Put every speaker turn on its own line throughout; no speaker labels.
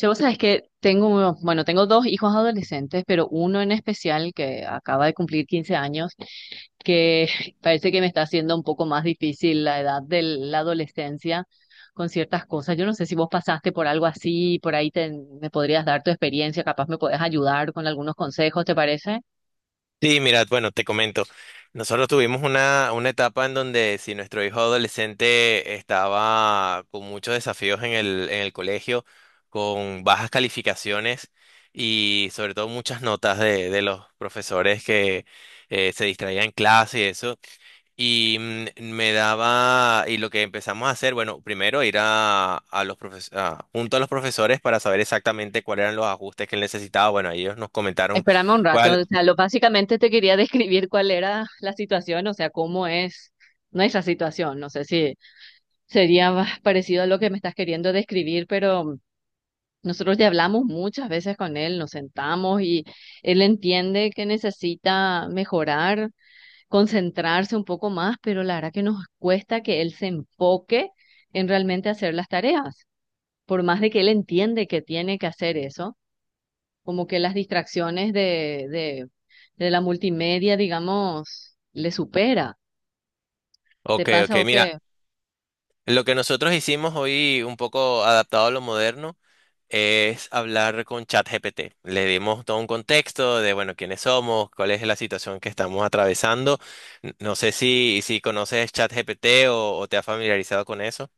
Yo, vos sabés que tengo, bueno, tengo dos hijos adolescentes, pero uno en especial que acaba de cumplir 15 años, que parece que me está haciendo un poco más difícil la edad de la adolescencia con ciertas cosas. Yo no sé si vos pasaste por algo así, por ahí me podrías dar tu experiencia, capaz me podés ayudar con algunos consejos, ¿te parece?
Sí, mira, bueno, te comento. Nosotros tuvimos una etapa en donde si nuestro hijo adolescente estaba con muchos desafíos en el colegio, con bajas calificaciones y sobre todo muchas notas de los profesores que se distraían en clase y eso. Y me daba, y lo que empezamos a hacer, bueno, primero ir a los profes- a- junto a los profesores para saber exactamente cuáles eran los ajustes que él necesitaba. Bueno, ellos nos comentaron
Espérame un rato,
cuál.
o sea, lo básicamente te quería describir cuál era la situación, o sea, cómo es nuestra situación. No sé si sería más parecido a lo que me estás queriendo describir, pero nosotros ya hablamos muchas veces con él, nos sentamos y él entiende que necesita mejorar, concentrarse un poco más, pero la verdad que nos cuesta que él se enfoque en realmente hacer las tareas. Por más de que él entiende que tiene que hacer eso, como que las distracciones de la multimedia, digamos, le supera. ¿Te
Ok, ok,
pasa o
mira.
qué?
Lo que nosotros hicimos hoy, un poco adaptado a lo moderno, es hablar con ChatGPT. Le dimos todo un contexto de, bueno, quiénes somos, cuál es la situación que estamos atravesando. No sé si conoces ChatGPT o te has familiarizado con eso.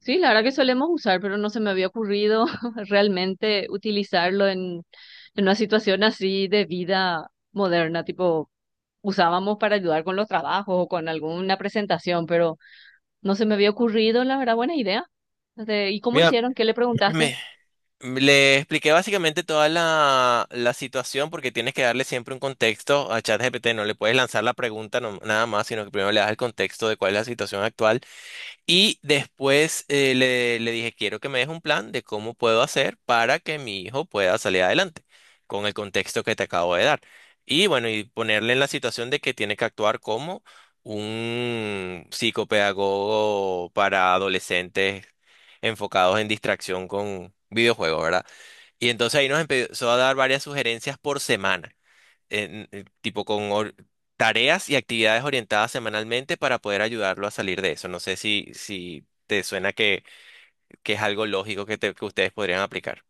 Sí, la verdad que solemos usar, pero no se me había ocurrido realmente utilizarlo en una situación así de vida moderna, tipo usábamos para ayudar con los trabajos o con alguna presentación, pero no se me había ocurrido, la verdad, buena idea. ¿Y cómo
Mira,
hicieron? ¿Qué le preguntaste?
me- le expliqué básicamente toda la situación porque tienes que darle siempre un contexto a ChatGPT. No le puedes lanzar la pregunta nada más, sino que primero le das el contexto de cuál es la situación actual. Y después le dije, quiero que me des un plan de cómo puedo hacer para que mi hijo pueda salir adelante, con el contexto que te acabo de dar. Y bueno, y ponerle en la situación de que tiene que actuar como un psicopedagogo para adolescentes enfocados en distracción con videojuegos, ¿verdad? Y entonces ahí nos empezó a dar varias sugerencias por semana tipo tareas y actividades orientadas semanalmente para poder ayudarlo a salir de eso. No sé si te suena que es algo lógico que ustedes podrían aplicar.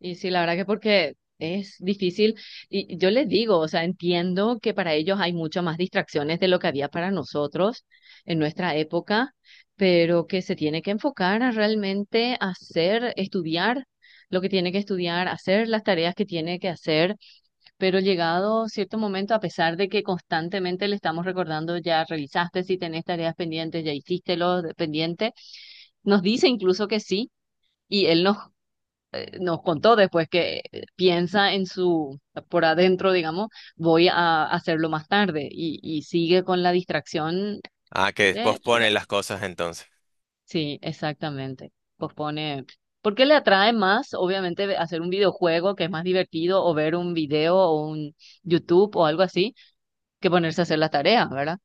Y sí, la verdad que porque es difícil, y yo les digo, o sea, entiendo que para ellos hay muchas más distracciones de lo que había para nosotros en nuestra época, pero que se tiene que enfocar a realmente hacer, estudiar lo que tiene que estudiar, hacer las tareas que tiene que hacer, pero llegado cierto momento, a pesar de que constantemente le estamos recordando, ya realizaste si tenés tareas pendientes, ya hiciste lo pendiente, nos dice incluso que sí. Y él nos contó después que piensa en su, por adentro, digamos, voy a hacerlo más tarde y sigue con la distracción.
Ah, que
de la-
posponen las cosas entonces.
Sí, exactamente. Pospone. ¿Por qué le atrae más, obviamente, hacer un videojuego que es más divertido o ver un video o un YouTube o algo así que ponerse a hacer la tarea? ¿Verdad?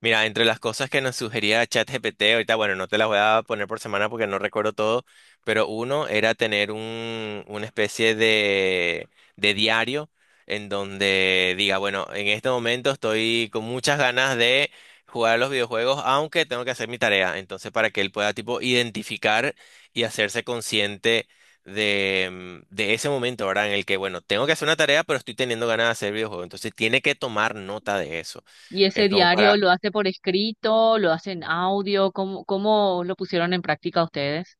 Mira, entre las cosas que nos sugería ChatGPT, ahorita, bueno, no te las voy a poner por semana porque no recuerdo todo, pero uno era tener una especie de diario en donde diga, bueno, en este momento estoy con muchas ganas de jugar a los videojuegos, aunque tengo que hacer mi tarea. Entonces, para que él pueda, tipo, identificar y hacerse consciente de ese momento, ¿verdad? En el que, bueno, tengo que hacer una tarea, pero estoy teniendo ganas de hacer videojuegos. Entonces, tiene que tomar nota de eso.
Y ese
Es como
diario
para.
lo hace por escrito, lo hace en audio, ¿cómo lo pusieron en práctica ustedes?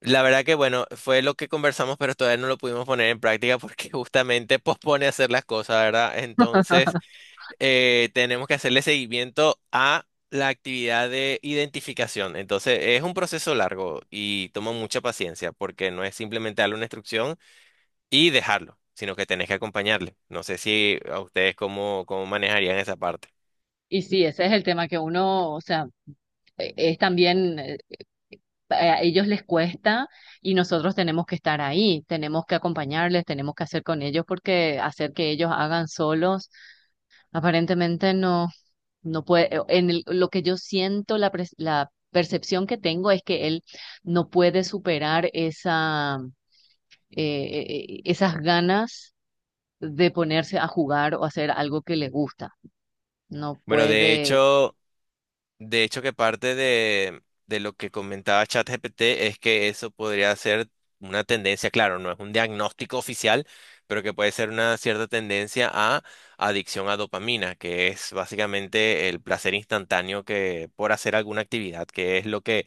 La verdad que bueno, fue lo que conversamos, pero todavía no lo pudimos poner en práctica porque justamente pospone hacer las cosas, ¿verdad? Entonces, tenemos que hacerle seguimiento a la actividad de identificación. Entonces, es un proceso largo y toma mucha paciencia porque no es simplemente darle una instrucción y dejarlo, sino que tenés que acompañarle. No sé si a ustedes cómo manejarían esa parte.
Y sí, ese es el tema que uno, o sea, es también a ellos les cuesta y nosotros tenemos que estar ahí, tenemos que acompañarles, tenemos que hacer con ellos porque hacer que ellos hagan solos, aparentemente no, no puede, lo que yo siento, la percepción que tengo es que él no puede superar esa, esas ganas de ponerse a jugar o hacer algo que le gusta. No
Bueno,
puede.
de hecho, que parte de lo que comentaba ChatGPT es que eso podría ser una tendencia, claro, no es un diagnóstico oficial, pero que puede ser una cierta tendencia a adicción a dopamina, que es básicamente el placer instantáneo que por hacer alguna actividad, que es lo que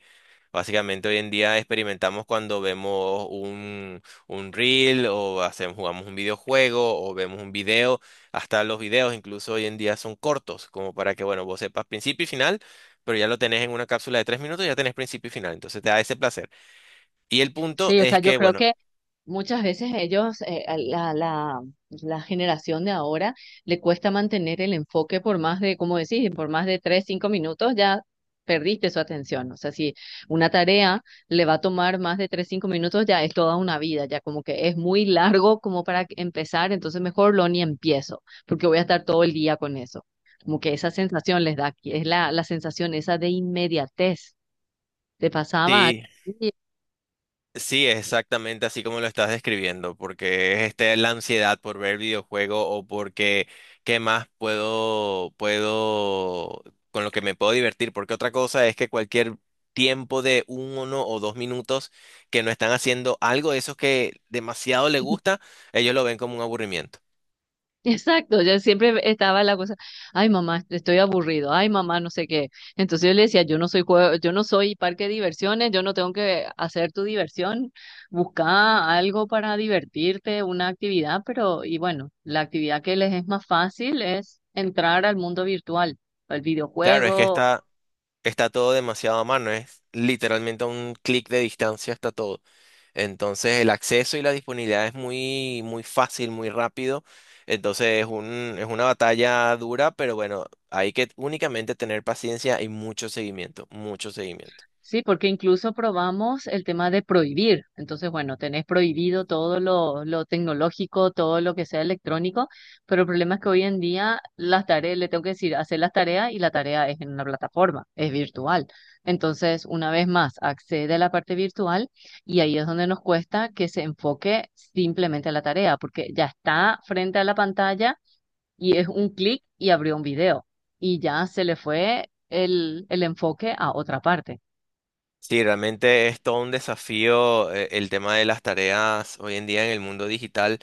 básicamente hoy en día experimentamos cuando vemos un reel o jugamos un videojuego o vemos un video, hasta los videos incluso hoy en día son cortos, como para que, bueno, vos sepas principio y final, pero ya lo tenés en una cápsula de 3 minutos, ya tenés principio y final, entonces te da ese placer. Y el punto
Sí, o sea,
es
yo
que,
creo
bueno,
que muchas veces ellos, a la generación de ahora, le cuesta mantener el enfoque por más de, como decís, por más de 3, 5 minutos, ya perdiste su atención. O sea, si una tarea le va a tomar más de tres, cinco minutos, ya es toda una vida, ya como que es muy largo como para empezar, entonces mejor lo ni empiezo, porque voy a estar todo el día con eso. Como que esa sensación les da, que es la sensación esa de inmediatez. Te pasaba
sí,
algo.
sí, exactamente así como lo estás describiendo, porque es este, la ansiedad por ver videojuego, o porque ¿qué más puedo, con lo que me puedo divertir? Porque otra cosa es que cualquier tiempo de 1 o 2 minutos que no están haciendo algo de esos que demasiado le gusta, ellos lo ven como un aburrimiento.
Exacto, yo siempre estaba la cosa, ay mamá, estoy aburrido, ay mamá, no sé qué. Entonces yo le decía, yo no soy juego, yo no soy parque de diversiones, yo no tengo que hacer tu diversión, busca algo para divertirte, una actividad, pero y bueno, la actividad que les es más fácil es entrar al mundo virtual, al
Claro, es que
videojuego.
está todo demasiado a mano, es literalmente a un clic de distancia está todo. Entonces el acceso y la disponibilidad es muy, muy fácil, muy rápido. Entonces es una batalla dura, pero bueno, hay que únicamente tener paciencia y mucho seguimiento, mucho seguimiento.
Sí, porque incluso probamos el tema de prohibir. Entonces, bueno, tenés prohibido todo lo tecnológico, todo lo que sea electrónico, pero el problema es que hoy en día las tareas, le tengo que decir, hacer las tareas y la tarea es en una plataforma, es virtual. Entonces, una vez más, accede a la parte virtual y ahí es donde nos cuesta que se enfoque simplemente a la tarea, porque ya está frente a la pantalla y es un clic y abrió un video y ya se le fue el enfoque a otra parte.
Sí, realmente es todo un desafío el tema de las tareas hoy en día en el mundo digital,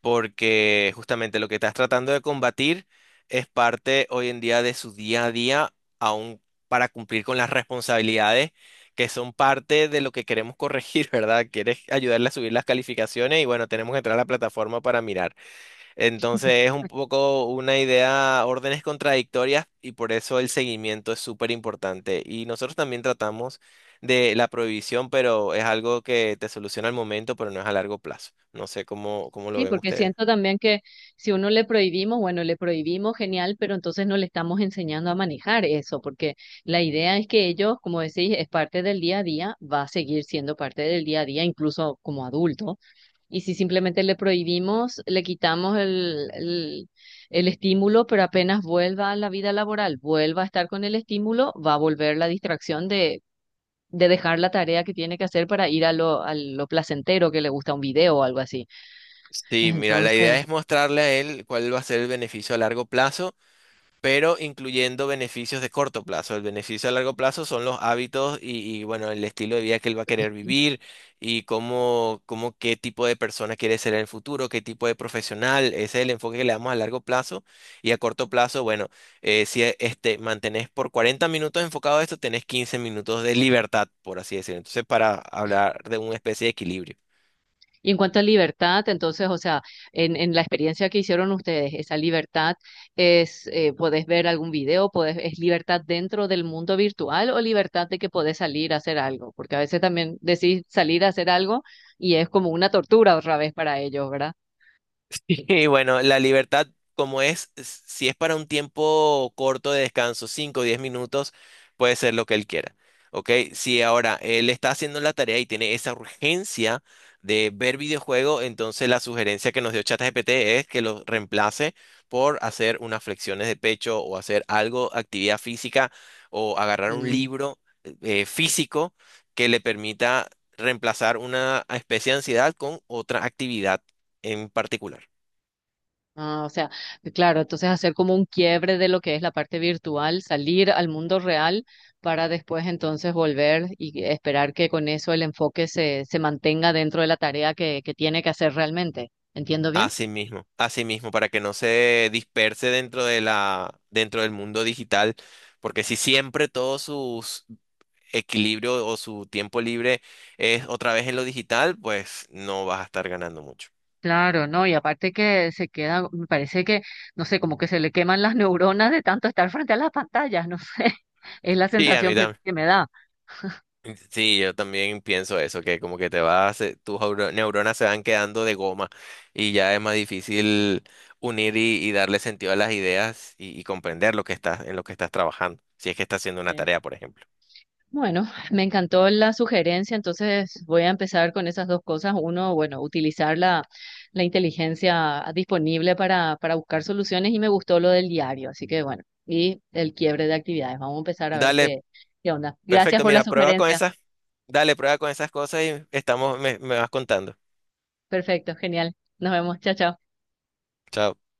porque justamente lo que estás tratando de combatir es parte hoy en día de su día a día, aún para cumplir con las responsabilidades que son parte de lo que queremos corregir, ¿verdad? Quieres ayudarle a subir las calificaciones y, bueno, tenemos que entrar a la plataforma para mirar. Entonces es un poco una idea, órdenes contradictorias, y por eso el seguimiento es súper importante. Y nosotros también tratamos de la prohibición, pero es algo que te soluciona al momento, pero no es a largo plazo. No sé cómo lo
Sí,
ven
porque
ustedes.
siento también que si uno le prohibimos, bueno, le prohibimos, genial, pero entonces no le estamos enseñando a manejar eso, porque la idea es que ellos, como decís, es parte del día a día, va a seguir siendo parte del día a día, incluso como adulto. Y si simplemente le prohibimos, le quitamos el estímulo, pero apenas vuelva a la vida laboral, vuelva a estar con el estímulo, va a volver la distracción de dejar la tarea que tiene que hacer para ir a lo placentero que le gusta un video o algo así.
Sí, mira, la idea
Entonces...
es mostrarle a él cuál va a ser el beneficio a largo plazo, pero incluyendo beneficios de corto plazo. El beneficio a largo plazo son los hábitos bueno, el estilo de vida que él va a querer vivir y cómo qué tipo de persona quiere ser en el futuro, qué tipo de profesional. Ese es el enfoque que le damos a largo plazo. Y a corto plazo, bueno, si mantenés por 40 minutos enfocado a esto, tenés 15 minutos de libertad, por así decirlo. Entonces, para hablar de una especie de equilibrio.
Y en cuanto a libertad, entonces, o sea, en la experiencia que hicieron ustedes, esa libertad es, podés ver algún video, podés, es libertad dentro del mundo virtual o libertad de que podés salir a hacer algo, porque a veces también decís salir a hacer algo y es como una tortura otra vez para ellos, ¿verdad?
Y bueno, la libertad, como es, si es para un tiempo corto de descanso, 5 o 10 minutos, puede ser lo que él quiera. ¿Ok? Si ahora él está haciendo la tarea y tiene esa urgencia de ver videojuego, entonces la sugerencia que nos dio ChatGPT es que lo reemplace por hacer unas flexiones de pecho o hacer algo, actividad física, o agarrar un libro físico que le permita reemplazar una especie de ansiedad con otra actividad en particular.
Ah, o sea, claro, entonces hacer como un quiebre de lo que es la parte virtual, salir al mundo real para después entonces volver y esperar que con eso el enfoque se mantenga dentro de la tarea que tiene que hacer realmente. ¿Entiendo bien?
Así mismo, para que no se disperse dentro del mundo digital, porque si siempre todo su equilibrio o su tiempo libre es otra vez en lo digital, pues no vas a estar ganando mucho.
Claro, no, y aparte que se queda, me parece que, no sé, como que se le queman las neuronas de tanto estar frente a las pantallas, no sé, es la
Sí, a mí
sensación que,
también.
que me da.
Sí, yo también pienso eso, que como que te vas, tus neuronas se van quedando de goma y ya es más difícil unir y darle sentido a las ideas y comprender en lo que estás trabajando, si es que estás haciendo una tarea, por ejemplo.
Bueno, me encantó la sugerencia, entonces voy a empezar con esas dos cosas. Uno, bueno, utilizar la inteligencia disponible para buscar soluciones y me gustó lo del diario, así que bueno, y el quiebre de actividades. Vamos a empezar a ver
Dale.
qué onda. Gracias
Perfecto,
por la
mira,
sugerencia.
dale, prueba con esas cosas y estamos, me vas contando.
Perfecto, genial. Nos vemos. Chao, chao.
Chao.